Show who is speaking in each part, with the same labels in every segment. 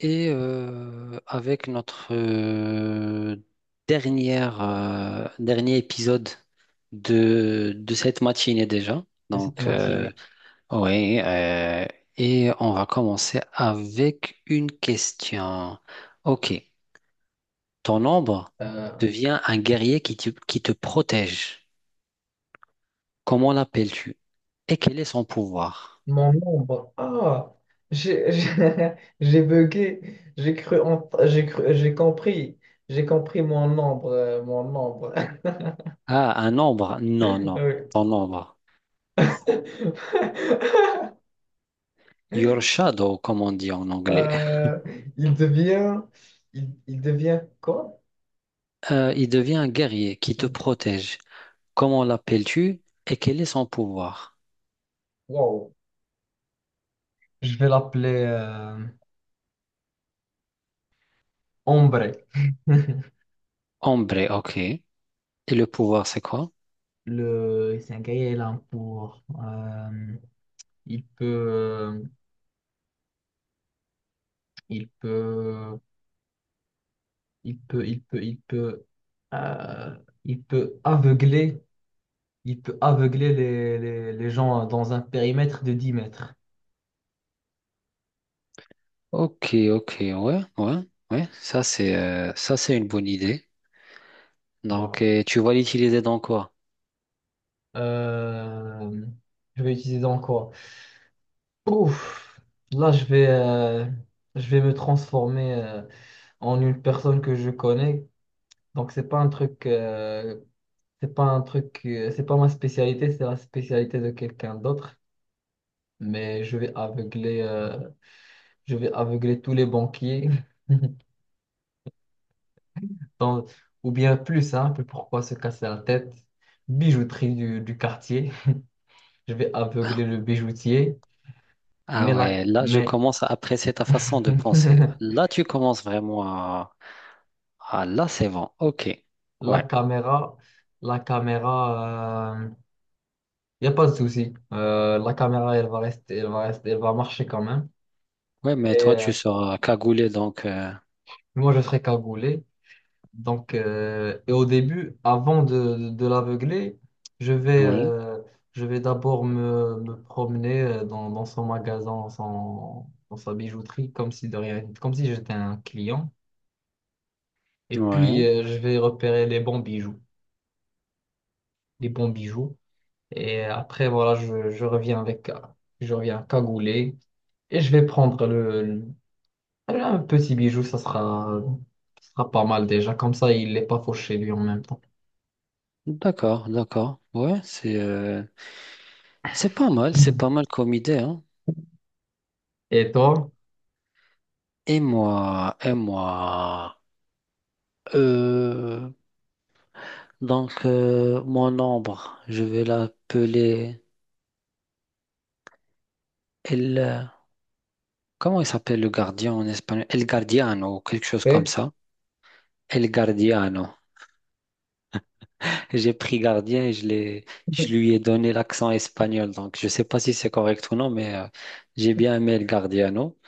Speaker 1: Avec notre dernier épisode de cette matinée déjà.
Speaker 2: De cette
Speaker 1: Donc, euh,
Speaker 2: matinée.
Speaker 1: oui, et on va commencer avec une question. Ok, ton ombre
Speaker 2: Euh,
Speaker 1: devient un guerrier qui te protège. Comment l'appelles-tu? Et quel est son pouvoir?
Speaker 2: Mon ombre. Ah, j'ai j'ai bugué. J'ai cru, j'ai compris. J'ai compris mon ombre, mon ombre.
Speaker 1: Ah, un ombre? Non, non,
Speaker 2: Oui.
Speaker 1: ton ombre. Your shadow, comme on dit en anglais.
Speaker 2: Euh, il devient, il devient quoi?
Speaker 1: Il devient un guerrier qui te
Speaker 2: Ok.
Speaker 1: protège. Comment l'appelles-tu et quel est son pouvoir?
Speaker 2: Wow. Je vais l'appeler Ombre.
Speaker 1: Ombre, ok. Et le pouvoir, c'est quoi?
Speaker 2: C'est un gars il gaillard pour, il peut, il peut il peut, euh, il peut aveugler, il peut aveugler les gens dans un périmètre de 10 mètres.
Speaker 1: Ok, ok, ouais, ouais, ouais. Ça, c'est une bonne idée.
Speaker 2: Voilà.
Speaker 1: Tu vas l'utiliser dans quoi?
Speaker 2: Euh, je vais utiliser dans quoi? Ouf, là, je vais me transformer en une personne que je connais. Donc, c'est pas un truc, c'est pas ma spécialité, c'est la spécialité de quelqu'un d'autre. Mais je vais aveugler tous les banquiers. dans- ou bien plus simple, pourquoi se casser la tête? Bijouterie du quartier. Je vais aveugler le bijoutier.
Speaker 1: Ah ouais, là, je
Speaker 2: Mais
Speaker 1: commence à apprécier ta façon de penser. Là, tu commences vraiment à... Ah, là, c'est bon. Ok,
Speaker 2: la
Speaker 1: ouais.
Speaker 2: caméra, la caméra, il n'y a pas de souci. La caméra, elle va rester, elle va marcher quand même.
Speaker 1: Ouais,
Speaker 2: Et
Speaker 1: mais toi, tu
Speaker 2: euh,
Speaker 1: seras cagoulé, donc...
Speaker 2: Moi, je serai cagoulé. Donc, et au début, de l'aveugler, je vais,
Speaker 1: Ouais,
Speaker 2: euh, je vais d'abord me promener dans, dans son magasin, dans sa bijouterie, comme si de rien, comme si j'étais un client. Et puis,
Speaker 1: ouais.
Speaker 2: je vais repérer les bons bijoux, les bons bijoux. Et après, voilà, je reviens avec, je reviens cagoulé et je vais prendre un petit bijou, ça sera pas mal déjà. Comme ça, il n'est pas fauché lui en même temps.
Speaker 1: D'accord, d'accord. C'est pas mal comme idée, hein.
Speaker 2: Et toi?
Speaker 1: Et moi, euh, mon ombre, je vais l'appeler El. Comment il s'appelle le gardien en espagnol? El Guardiano ou quelque chose comme
Speaker 2: Ok.
Speaker 1: ça. El Guardiano. J'ai pris gardien et je l'ai, Je lui ai donné l'accent espagnol. Donc je sais pas si c'est correct ou non, j'ai bien aimé El Guardiano.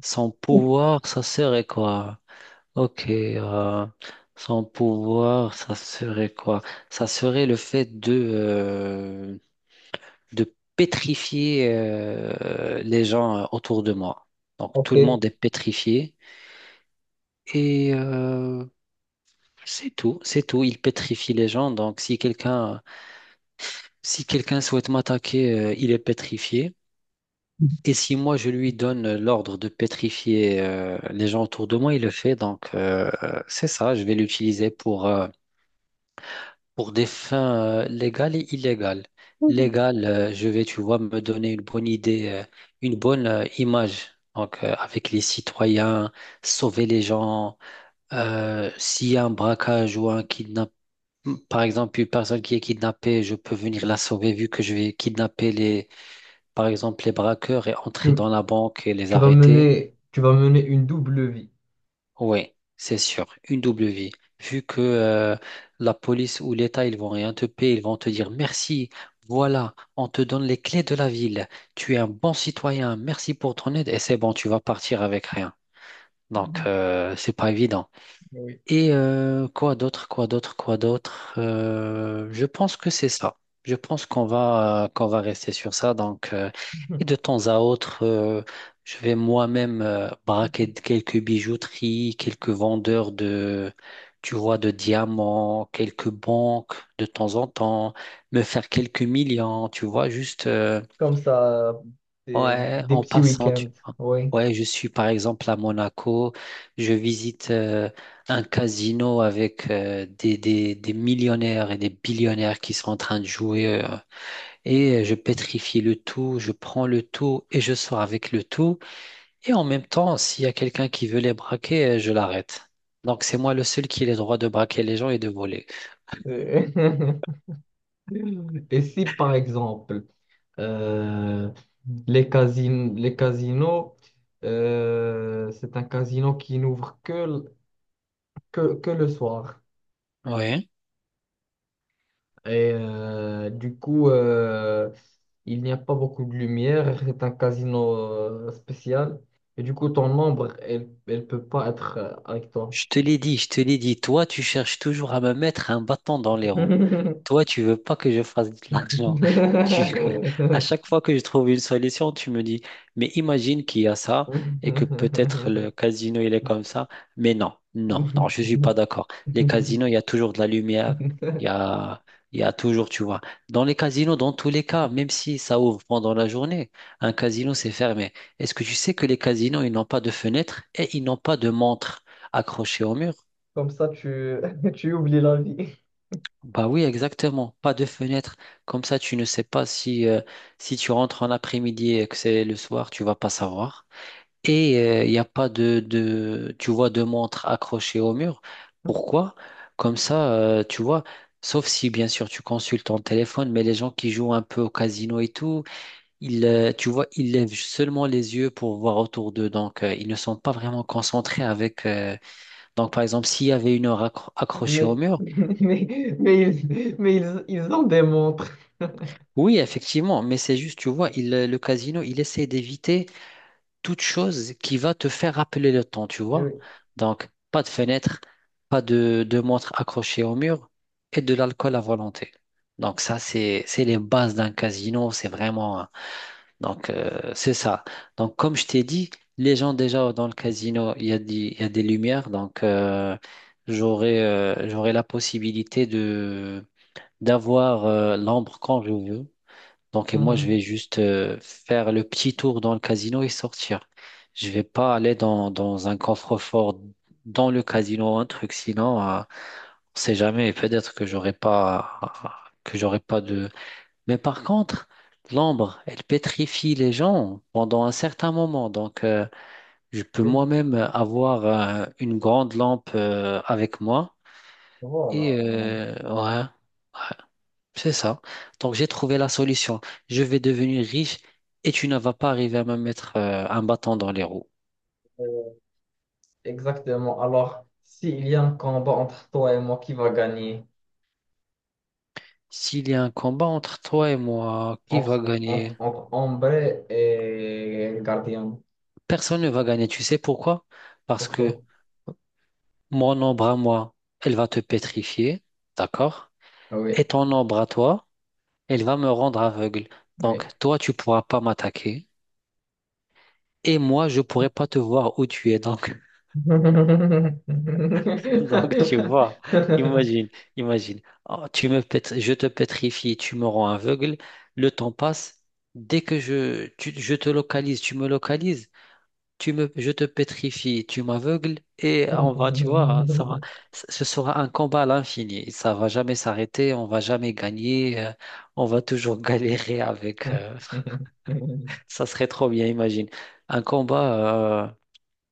Speaker 1: Son pouvoir, ça serait quoi? Ok, euh, Son pouvoir, ça serait quoi? Ça serait le fait de pétrifier les gens autour de moi. Donc tout
Speaker 2: Ok.
Speaker 1: le monde est pétrifié et euh, c'est tout, c'est tout. Il pétrifie les gens. Donc si quelqu'un souhaite m'attaquer, il est pétrifié. Et si moi je lui donne l'ordre de pétrifier les gens autour de moi, il le fait. C'est ça, je vais l'utiliser pour des fins légales et illégales. Légales, je vais, tu vois, me donner une bonne image. Avec les citoyens, sauver les gens. S'il y a un braquage ou un kidnapping, par exemple, une personne qui est kidnappée, je peux venir la sauver vu que je vais kidnapper les, par exemple, les braqueurs et
Speaker 2: Tu,
Speaker 1: entrer dans la banque et les arrêter.
Speaker 2: tu vas mener une double vie.
Speaker 1: Oui, c'est sûr, une double vie. Vu que la police ou l'État, ils vont rien te payer, ils vont te dire merci, voilà, on te donne les clés de la ville, tu es un bon citoyen, merci pour ton aide, et c'est bon, tu vas partir avec rien. Donc, c'est pas évident.
Speaker 2: Oui.
Speaker 1: Et quoi d'autre, quoi d'autre, quoi d'autre? Je pense que c'est ça. Je pense qu'on va rester sur ça. Donc, et de temps à autre, je vais moi-même quelques bijouteries, quelques vendeurs de, tu vois, de diamants, quelques banques de temps en temps, me faire quelques millions, tu vois, juste.
Speaker 2: Comme ça,
Speaker 1: Ouais,
Speaker 2: des
Speaker 1: en
Speaker 2: petits
Speaker 1: passant, tu
Speaker 2: week-ends.
Speaker 1: vois.
Speaker 2: Oui.
Speaker 1: Ouais, je suis par exemple à Monaco, je visite un casino avec des millionnaires et des billionnaires qui sont en train de jouer et je pétrifie le tout, je prends le tout et je sors avec le tout. Et en même temps, s'il y a quelqu'un qui veut les braquer, je l'arrête. Donc c'est moi le seul qui a le droit de braquer les gens et de voler.
Speaker 2: Euh, Et si, par exemple, euh, les casinos, c'est un casino qui n'ouvre que, que le soir.
Speaker 1: Ouais.
Speaker 2: Et euh, du coup, euh, il n'y a pas beaucoup de lumière. C'est un casino spécial. Et du coup, ton ombre, elle ne peut pas être avec toi.
Speaker 1: Je te l'ai dit, je te l'ai dit, toi, tu cherches toujours à me mettre un bâton dans les roues. Toi, tu veux pas que je fasse de l'argent. Tu... À chaque fois que je trouve une solution, tu me dis, mais imagine qu'il y a ça et que peut-être le casino, il est comme ça. Mais non, non, non, je suis pas d'accord. Les casinos, il y a toujours de la lumière. Il y a, il y a toujours, tu vois. Dans les casinos, dans tous les cas, même si ça ouvre pendant la journée, un casino, c'est fermé. Est-ce que tu sais que les casinos, ils n'ont pas de fenêtre et ils n'ont pas de montre accroché au mur?
Speaker 2: Comme ça, tu, tu oublies la vie.
Speaker 1: Bah oui, exactement. Pas de fenêtre. Comme ça, tu ne sais pas si si tu rentres en après-midi et que c'est le soir, tu vas pas savoir. Et il n'y a pas tu vois, de montre accrochée au mur. Pourquoi? Comme ça, tu vois, sauf si, bien sûr, tu consultes ton téléphone, mais les gens qui jouent un peu au casino et tout, ils, tu vois, ils lèvent seulement les yeux pour voir autour d'eux. Donc, ils ne sont pas vraiment concentrés avec... Donc, par exemple, s'il y avait une heure accrochée au
Speaker 2: Mais,
Speaker 1: mur,
Speaker 2: ils en démontrent.
Speaker 1: oui, effectivement, mais c'est juste, tu vois, le casino, il essaie d'éviter toute chose qui va te faire rappeler le temps, tu vois.
Speaker 2: Oui.
Speaker 1: Donc, pas de fenêtre, pas de montre accrochée au mur et de l'alcool à volonté. Donc, ça, c'est les bases d'un casino, c'est vraiment. Hein. Donc, c'est ça. Donc, comme je t'ai dit, les gens déjà dans le casino, il y a des lumières, donc j'aurai j'aurai la possibilité de d'avoir l'ombre quand je veux. Donc, et moi, je vais juste faire le petit tour dans le casino et sortir. Je vais pas aller dans un coffre-fort dans le casino ou un truc, sinon, on sait jamais. Peut-être que j'aurai pas de. Mais par contre, l'ambre, elle pétrifie les gens pendant un certain moment. Donc, je peux moi-même avoir une grande lampe avec moi et
Speaker 2: Voilà.
Speaker 1: ouais. ouais. C'est ça. Donc j'ai trouvé la solution. Je vais devenir riche et tu ne vas pas arriver à me mettre un bâton dans les roues.
Speaker 2: Exactement. Alors, s'il y a un combat entre toi et moi, qui va gagner?
Speaker 1: S'il y a un combat entre toi et moi, qui va gagner?
Speaker 2: Entre Ambre et le Gardien.
Speaker 1: Personne ne va gagner. Tu sais pourquoi? Parce que
Speaker 2: Pourquoi?
Speaker 1: mon ombre à moi, elle va te pétrifier, d'accord?
Speaker 2: Ah, oui,
Speaker 1: Et ton ombre à toi, elle va me rendre aveugle. Donc
Speaker 2: oui.
Speaker 1: toi, tu pourras pas m'attaquer. Et moi, je pourrai pas te voir où tu es. Donc donc, tu vois, imagine, imagine. Oh, je te pétrifie, tu me rends aveugle, le temps passe. Dès que je te localise, tu me localises, je te pétrifie, tu m'aveugles, et on va, tu vois, ça va, ce sera un combat à l'infini. Ça va jamais s'arrêter, on va jamais gagner, on va toujours galérer avec. Ça serait trop bien, imagine. Un combat.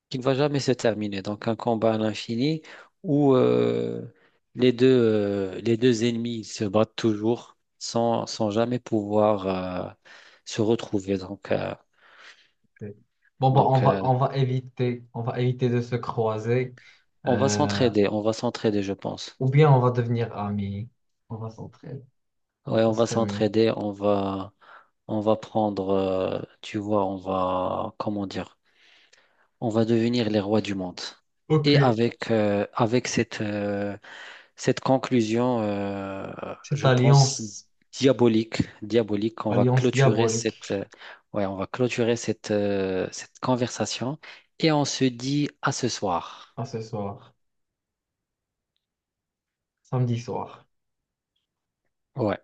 Speaker 1: Qui ne va jamais se terminer. Donc un combat à l'infini où les deux ennemis se battent toujours sans jamais pouvoir euh, se retrouver. Donc, euh,
Speaker 2: Bon, bah,
Speaker 1: donc euh,
Speaker 2: on va éviter de se croiser. euh,
Speaker 1: on va s'entraider, je pense.
Speaker 2: ou bien on va devenir amis. On va s'entraider.
Speaker 1: Ouais,
Speaker 2: Ce
Speaker 1: on va
Speaker 2: serait mieux.
Speaker 1: s'entraider, on va prendre, tu vois, on va, comment dire, on va devenir les rois du monde.
Speaker 2: Ok.
Speaker 1: Et avec cette, cette conclusion,
Speaker 2: Cette
Speaker 1: je pense,
Speaker 2: alliance,
Speaker 1: diabolique, diabolique, on va
Speaker 2: alliance
Speaker 1: clôturer
Speaker 2: diabolique.
Speaker 1: cette, ouais, on va clôturer cette, cette conversation et on se dit à ce soir.
Speaker 2: Ah, ce soir, samedi soir.
Speaker 1: Ouais.